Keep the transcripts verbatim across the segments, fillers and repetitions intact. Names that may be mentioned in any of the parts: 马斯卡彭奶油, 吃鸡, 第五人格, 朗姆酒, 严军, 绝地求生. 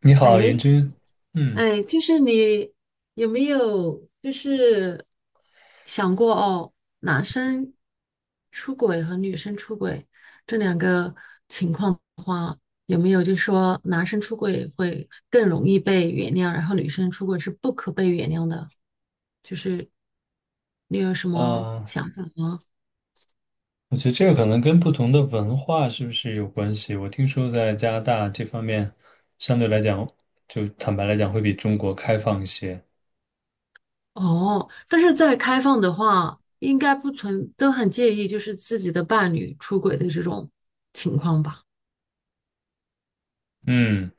你好，严哎军。嗯，哎，就是你有没有就是想过哦，男生出轨和女生出轨这两个情况的话，有没有就是说男生出轨会更容易被原谅，然后女生出轨是不可被原谅的？就是你有什么啊，想法吗？我觉得这个可能跟不同的文化是不是有关系？我听说在加拿大这方面，相对来讲，就坦白来讲，会比中国开放一些。哦，但是在开放的话，应该不存，都很介意就是自己的伴侣出轨的这种情况吧？嗯，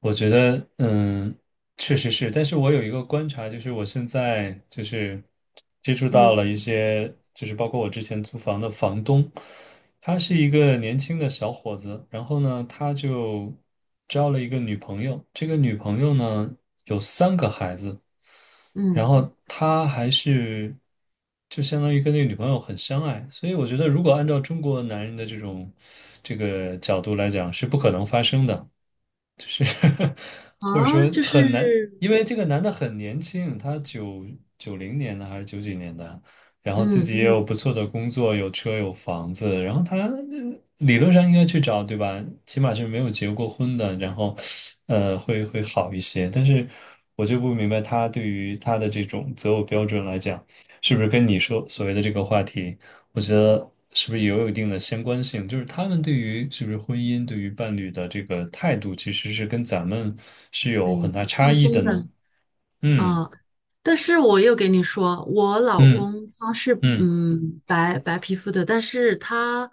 我觉得，嗯，确实是，但是我有一个观察，就是我现在就是接触到了嗯一些，就是包括我之前租房的房东，他是一个年轻的小伙子，然后呢，他就交了一个女朋友，这个女朋友呢有三个孩子，然嗯后他还是就相当于跟那个女朋友很相爱，所以我觉得如果按照中国男人的这种这个角度来讲，是不可能发生的。就是 或者啊，说就是很难，因为这个男的很年轻，他九九零年的还是九几年的，然后自嗯己也有嗯不错的工作，有车有房子，然后他呃理论上应该去找，对吧？起码是没有结过婚的，然后呃会会好一些，但是我就不明白他对于他的这种择偶标准来讲，是不是跟你说所谓的这个话题？我觉得是不是也有一定的相关性？就是他们对于是不是婚姻、对于伴侣的这个态度，其实是跟咱们是有很很大差放异的松呢。的嗯，啊。但是我又给你说，我老嗯公他是嗯嗯嗯白白皮肤的，但是他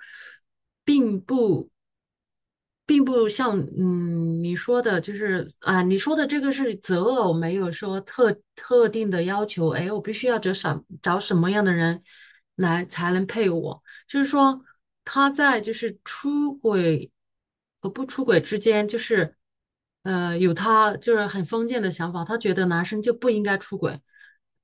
并不。并不像嗯你说的，就是啊，你说的这个是择偶，没有说特特定的要求。哎，我必须要找什找什么样的人来才能配我？就是说他在就是出轨和不出轨之间，就是呃有他就是很封建的想法，他觉得男生就不应该出轨。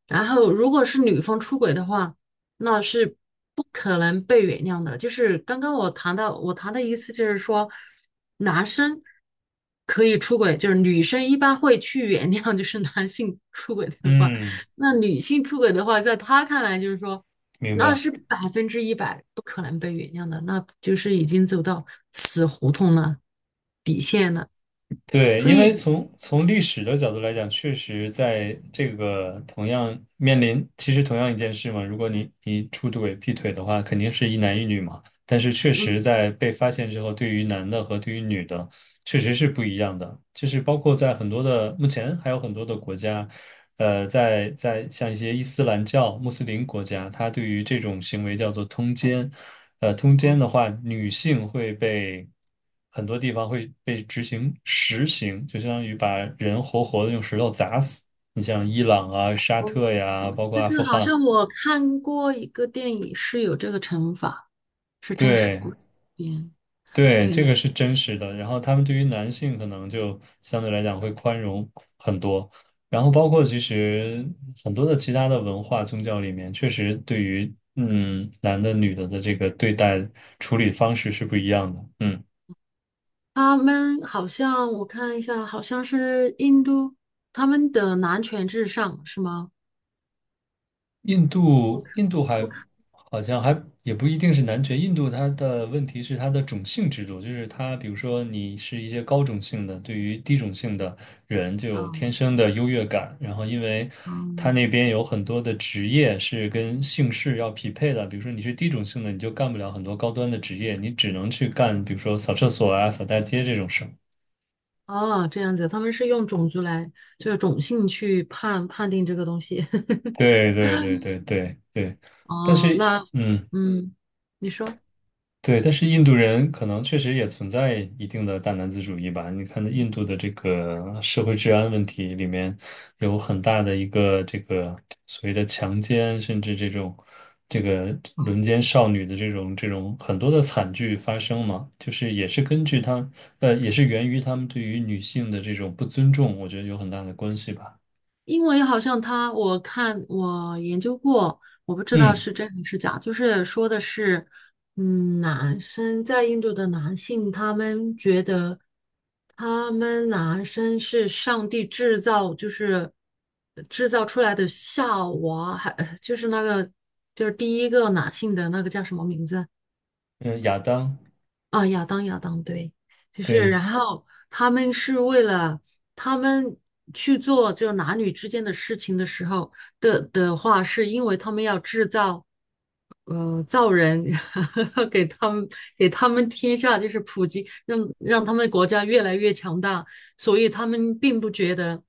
然后如果是女方出轨的话，那是不可能被原谅的。就是刚刚我谈到我谈的意思就是说。男生可以出轨，就是女生一般会去原谅，就是男性出轨的话，嗯，那女性出轨的话，在他看来就是说，明那白。是百分之一百不可能被原谅的，那就是已经走到死胡同了，底线了。对，所因为以，从从历史的角度来讲，确实在这个同样面临，其实同样一件事嘛，如果你你出轨、劈腿的话，肯定是一男一女嘛。但是确嗯，实在被发现之后，对于男的和对于女的，确实是不一样的，就是包括在很多的目前还有很多的国家，呃，在在像一些伊斯兰教、穆斯林国家，它对于这种行为叫做通奸，呃，通奸哦，的话，女性会被很多地方会被执行实刑，就相当于把人活活的用石头砸死。你像伊朗啊、沙哦特呀，哦包括这阿富个好汗，像我看过一个电影是有这个惩罚，是真实对。故事改编。对，对，这你个是真实的。然后他们对于男性可能就相对来讲会宽容很多。然后包括其实很多的其他的文化宗教里面，确实对于嗯男的女的的这个对待处理方式是不一样的。嗯。他们好像我看一下，好像是印度，他们的男权至上是吗？印我度，看印度还好像还也不一定是男权。印度它的问题是它的种姓制度，就是它，比如说你是一些高种姓的，对于低种姓的人就有天生的优越感。然后因为它哦那边有很多的职业是跟姓氏要匹配的，比如说你是低种姓的，你就干不了很多高端的职业，你只能去干，比如说扫厕所啊、扫大街这种事儿。哦，这样子，他们是用种族来，就是种姓去判判定这个东西。对对对对对对，但哦，是。那嗯。嗯，你说。对，但是印度人可能确实也存在一定的大男子主义吧。你看，印度的这个社会治安问题里面有很大的一个这个所谓的强奸，甚至这种这个哦。轮奸少女的这种这种很多的惨剧发生嘛，就是也是根据他呃，也是源于他们对于女性的这种不尊重，我觉得有很大的关系吧。因为好像他，我看我研究过，我不知道嗯是真还是假，就是说的是，嗯，男生在印度的男性，他们觉得他们男生是上帝制造，就是制造出来的夏娃，还就是那个就是第一个男性的那个叫什么名字？嗯，呃亚当，啊，亚当亚当，对，就是对，然后他们是为了他们去做就男女之间的事情的时候的的话，是因为他们要制造呃造人，给他们给他们天下就是普及，让让他们国家越来越强大，所以他们并不觉得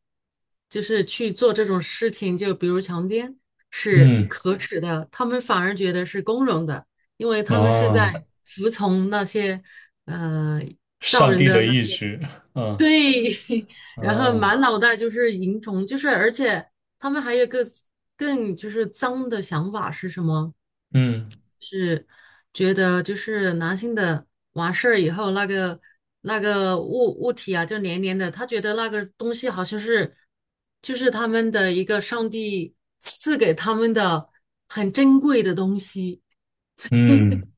就是去做这种事情，就比如强奸是嗯可耻的，他们反而觉得是光荣的。因为他们是在啊，服从那些呃造上人帝的的意志，嗯对，然后啊，满脑袋就是蝇虫，就是而且他们还有一个更就是脏的想法是什么？嗯。是觉得就是男性的完事儿以后，那个那个物物体啊，就黏黏的，他觉得那个东西好像是就是他们的一个上帝赐给他们的很珍贵的东西。嗯，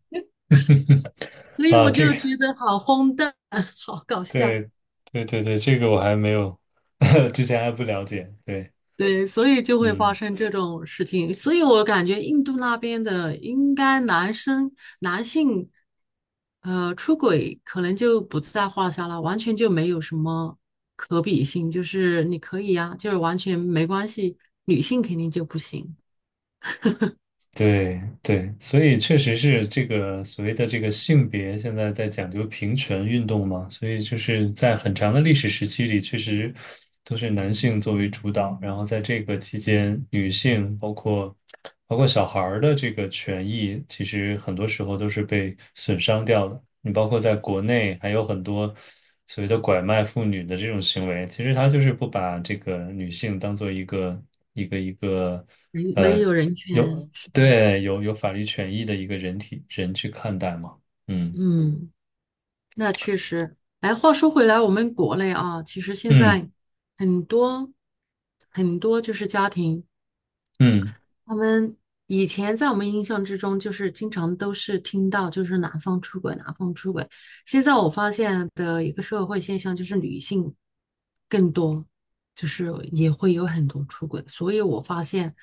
所以啊，我这就个，觉得好荒诞，好搞笑。对，对对对，这个我还没有，之前还不了解。对，对，所以就会发嗯，生这种事情。所以我感觉印度那边的应该男生男性，呃，出轨可能就不在话下了，完全就没有什么可比性。就是你可以呀、就是完全没关系。女性肯定就不行，对对，所以确实是这个所谓的这个性别现在在讲究平权运动嘛，所以就是在很长的历史时期里，确实都是男性作为主导，然后在这个期间，女性包。包括小孩儿的这个权益，其实很多时候都是被损伤掉的。你包括在国内还有很多所谓的拐卖妇女的这种行为，其实他就是不把这个女性当做一个一个一个人没呃有人权。有是对有有法律权益的一个人体人去看待嘛。嗯。那确实，哎，话说回来，我们国内啊，其实现嗯在很多很多就是家庭，嗯我们以前在我们印象之中，就是经常都是听到就是男方出轨，男方出轨。现在我发现的一个社会现象就是女性更多，就是也会有很多出轨。所以我发现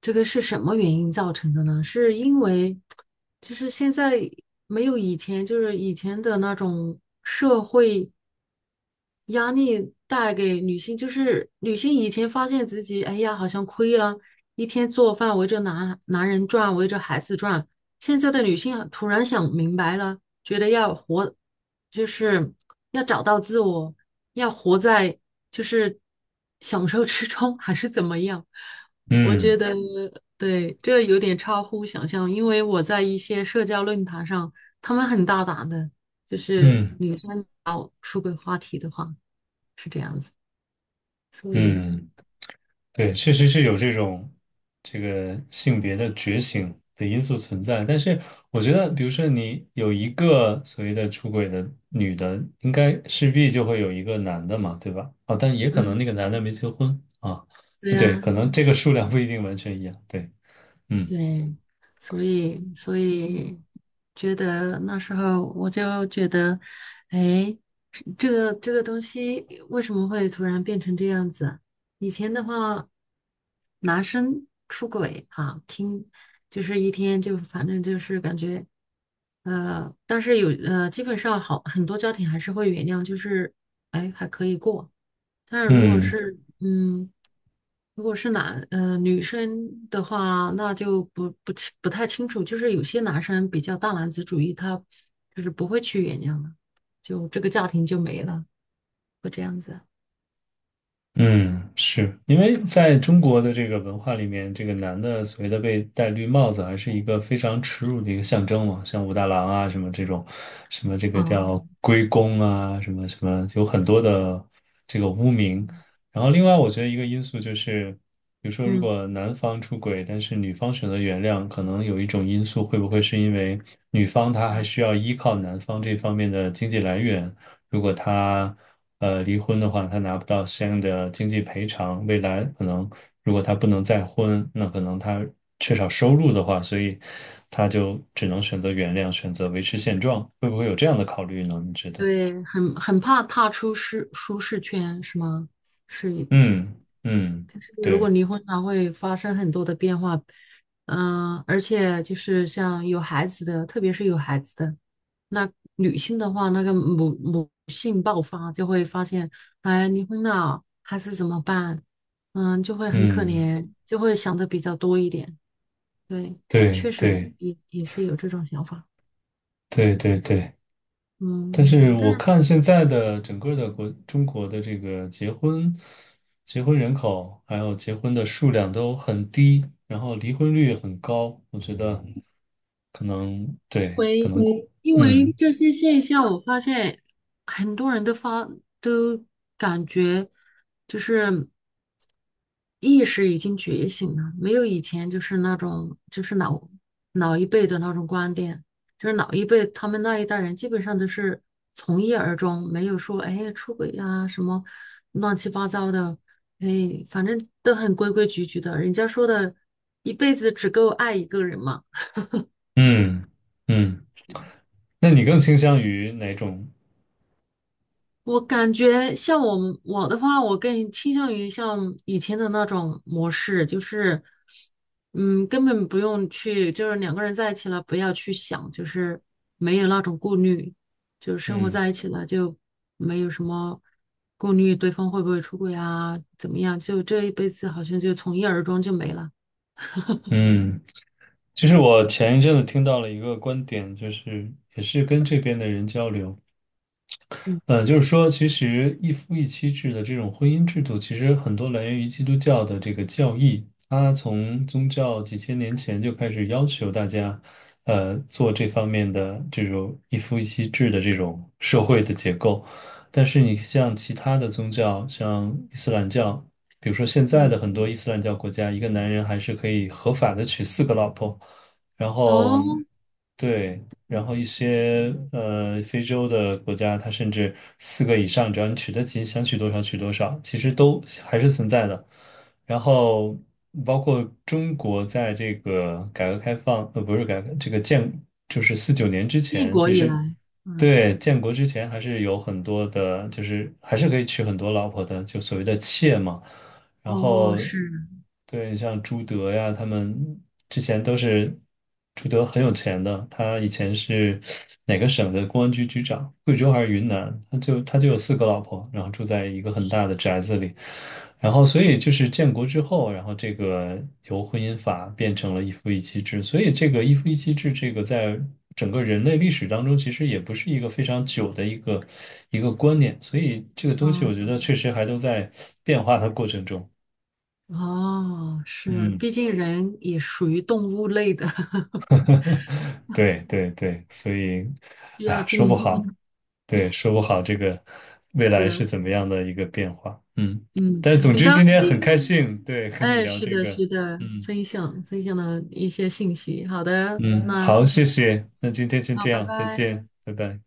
这个是什么原因造成的呢？是因为就是现在没有以前，就是以前的那种社会。压力带给女性，就是女性以前发现自己，哎呀，好像亏了，一天做饭围着男男人转，围着孩子转。现在的女性啊突然想明白了，觉得要活，就是要找到自我，要活在就是享受之中，还是怎么样？我觉嗯得对，这有点超乎想象，因为我在一些社交论坛上，他们很大胆的，就是嗯女生聊出轨话题的话。是这样子，所以，嗯嗯嗯。对，确实是有这种这个性别的觉醒的因素存在，但是我觉得，比如说你有一个所谓的出轨的女的，应该势必就会有一个男的嘛，对吧？哦，但也可嗯，能那个男的没结婚啊，对对，呀，可能这个数量不一定完全一样，对，嗯对，所以，所以觉得那时候我就觉得，哎，是这个这个东西为什么会突然变成这样子？以前的话，男生出轨啊，听就是一天就反正就是感觉，呃，但是有呃，基本上好很多家庭还是会原谅，就是哎还可以过。但是如果嗯。是嗯，如果是男呃女生的话，那就不不清不太清楚。就是有些男生比较大男子主义，他就是不会去原谅的，就这个家庭就没了，会这样子。嗯，是因为在中国的这个文化里面，这个男的所谓的被戴绿帽子，还是一个非常耻辱的一个象征嘛，像武大郎啊什么这种，什么这个叫哦，龟公啊，什么什么，有很多的这个污名。嗯然后另外，我觉得一个因素就是，比如说如嗯，果男方出轨，但是女方选择原谅，可能有一种因素会不会是因为女方她还啊需要依靠男方这方面的经济来源，如果他呃离婚的话，他拿不到相应的经济赔偿，未来可能如果他不能再婚，那可能他缺少收入的话，所以他就只能选择原谅，选择维持现状，会不会有这样的考虑呢？你觉得？对，很很怕踏出舒舒适圈，是吗？是，嗯嗯，可是如果对，离婚了，会发生很多的变化，嗯、而且就是像有孩子的，特别是有孩子的，那女性的话，那个母母性爆发，就会发现，哎，离婚了，孩子怎么办？嗯，就会很可嗯怜，就会想的比较多一点。对，对确实对也也是有这种想法。对对对对。嗯，但是但我是。看现在的整个的国中国的这个结婚、结婚人口还有结婚的数量都很低，然后离婚率也很高，我觉得可能对，可回，能对，因为嗯这些现象，我发现很多人都发都感觉就是意识已经觉醒了，没有以前就是那种就是老老一辈的那种观点，就是老一辈他们那一代人基本上都是从一而终，没有说哎出轨呀、什么乱七八糟的，哎反正都很规规矩矩的，人家说的一辈子只够爱一个人嘛。嗯嗯，那你更倾向于哪种？我感觉像我们我的话，我更倾向于像以前的那种模式，就是，嗯，根本不用去，就是两个人在一起了，不要去想，就是没有那种顾虑，就是生活嗯在一起了，就没有什么顾虑，对方会不会出轨啊，怎么样，就这一辈子好像就从一而终就没了。嗯，就是我前一阵子听到了一个观点，就是也是跟这边的人交流。呃，就是说，其实一夫一妻制的这种婚姻制度，其实很多来源于基督教的这个教义。它从宗教几千年前就开始要求大家，呃，做这方面的这种一夫一妻制的这种社会的结构。但是你像其他的宗教，像伊斯兰教，比如说现在嗯，的很多伊斯兰教国家，一个男人还是可以合法的娶四个老婆。然后哦，对，然后一些呃非洲的国家，它甚至四个以上，只要你娶得起，想娶多少娶多少，其实都还是存在的。然后包括中国在这个改革开放，呃，不是改革，这个建就是四九年之建前，国其以实嗯来，嗯，对，建国之前还是有很多的，就是还是可以娶很多老婆的，就所谓的妾嘛。然哦，后是，对像朱德呀，他们之前都是朱德很有钱的，他以前是哪个省的公安局局长，贵州还是云南，他就他就有四个老婆，然后住在一个很大的宅子里，然后所以就是建国之后，然后这个由婚姻法变成了一夫一妻制，所以这个一夫一妻制这个在整个人类历史当中，其实也不是一个非常久的一个一个观念，所以这个东西我觉得啊确实还都在变化的过程中。哦，是，嗯，毕竟人也属于动物类的，对对对，所以，需哎要呀，说不进化。好，嗯对，说不好这个未来是是，怎么样的一个变化。嗯，嗯，但是总很之高今天很开兴，心，对，和你哎，聊是这的，个。是的，嗯分享分享了一些信息。好的，嗯，那好，谢谢，那今天先好，这拜样，再拜。见，拜拜。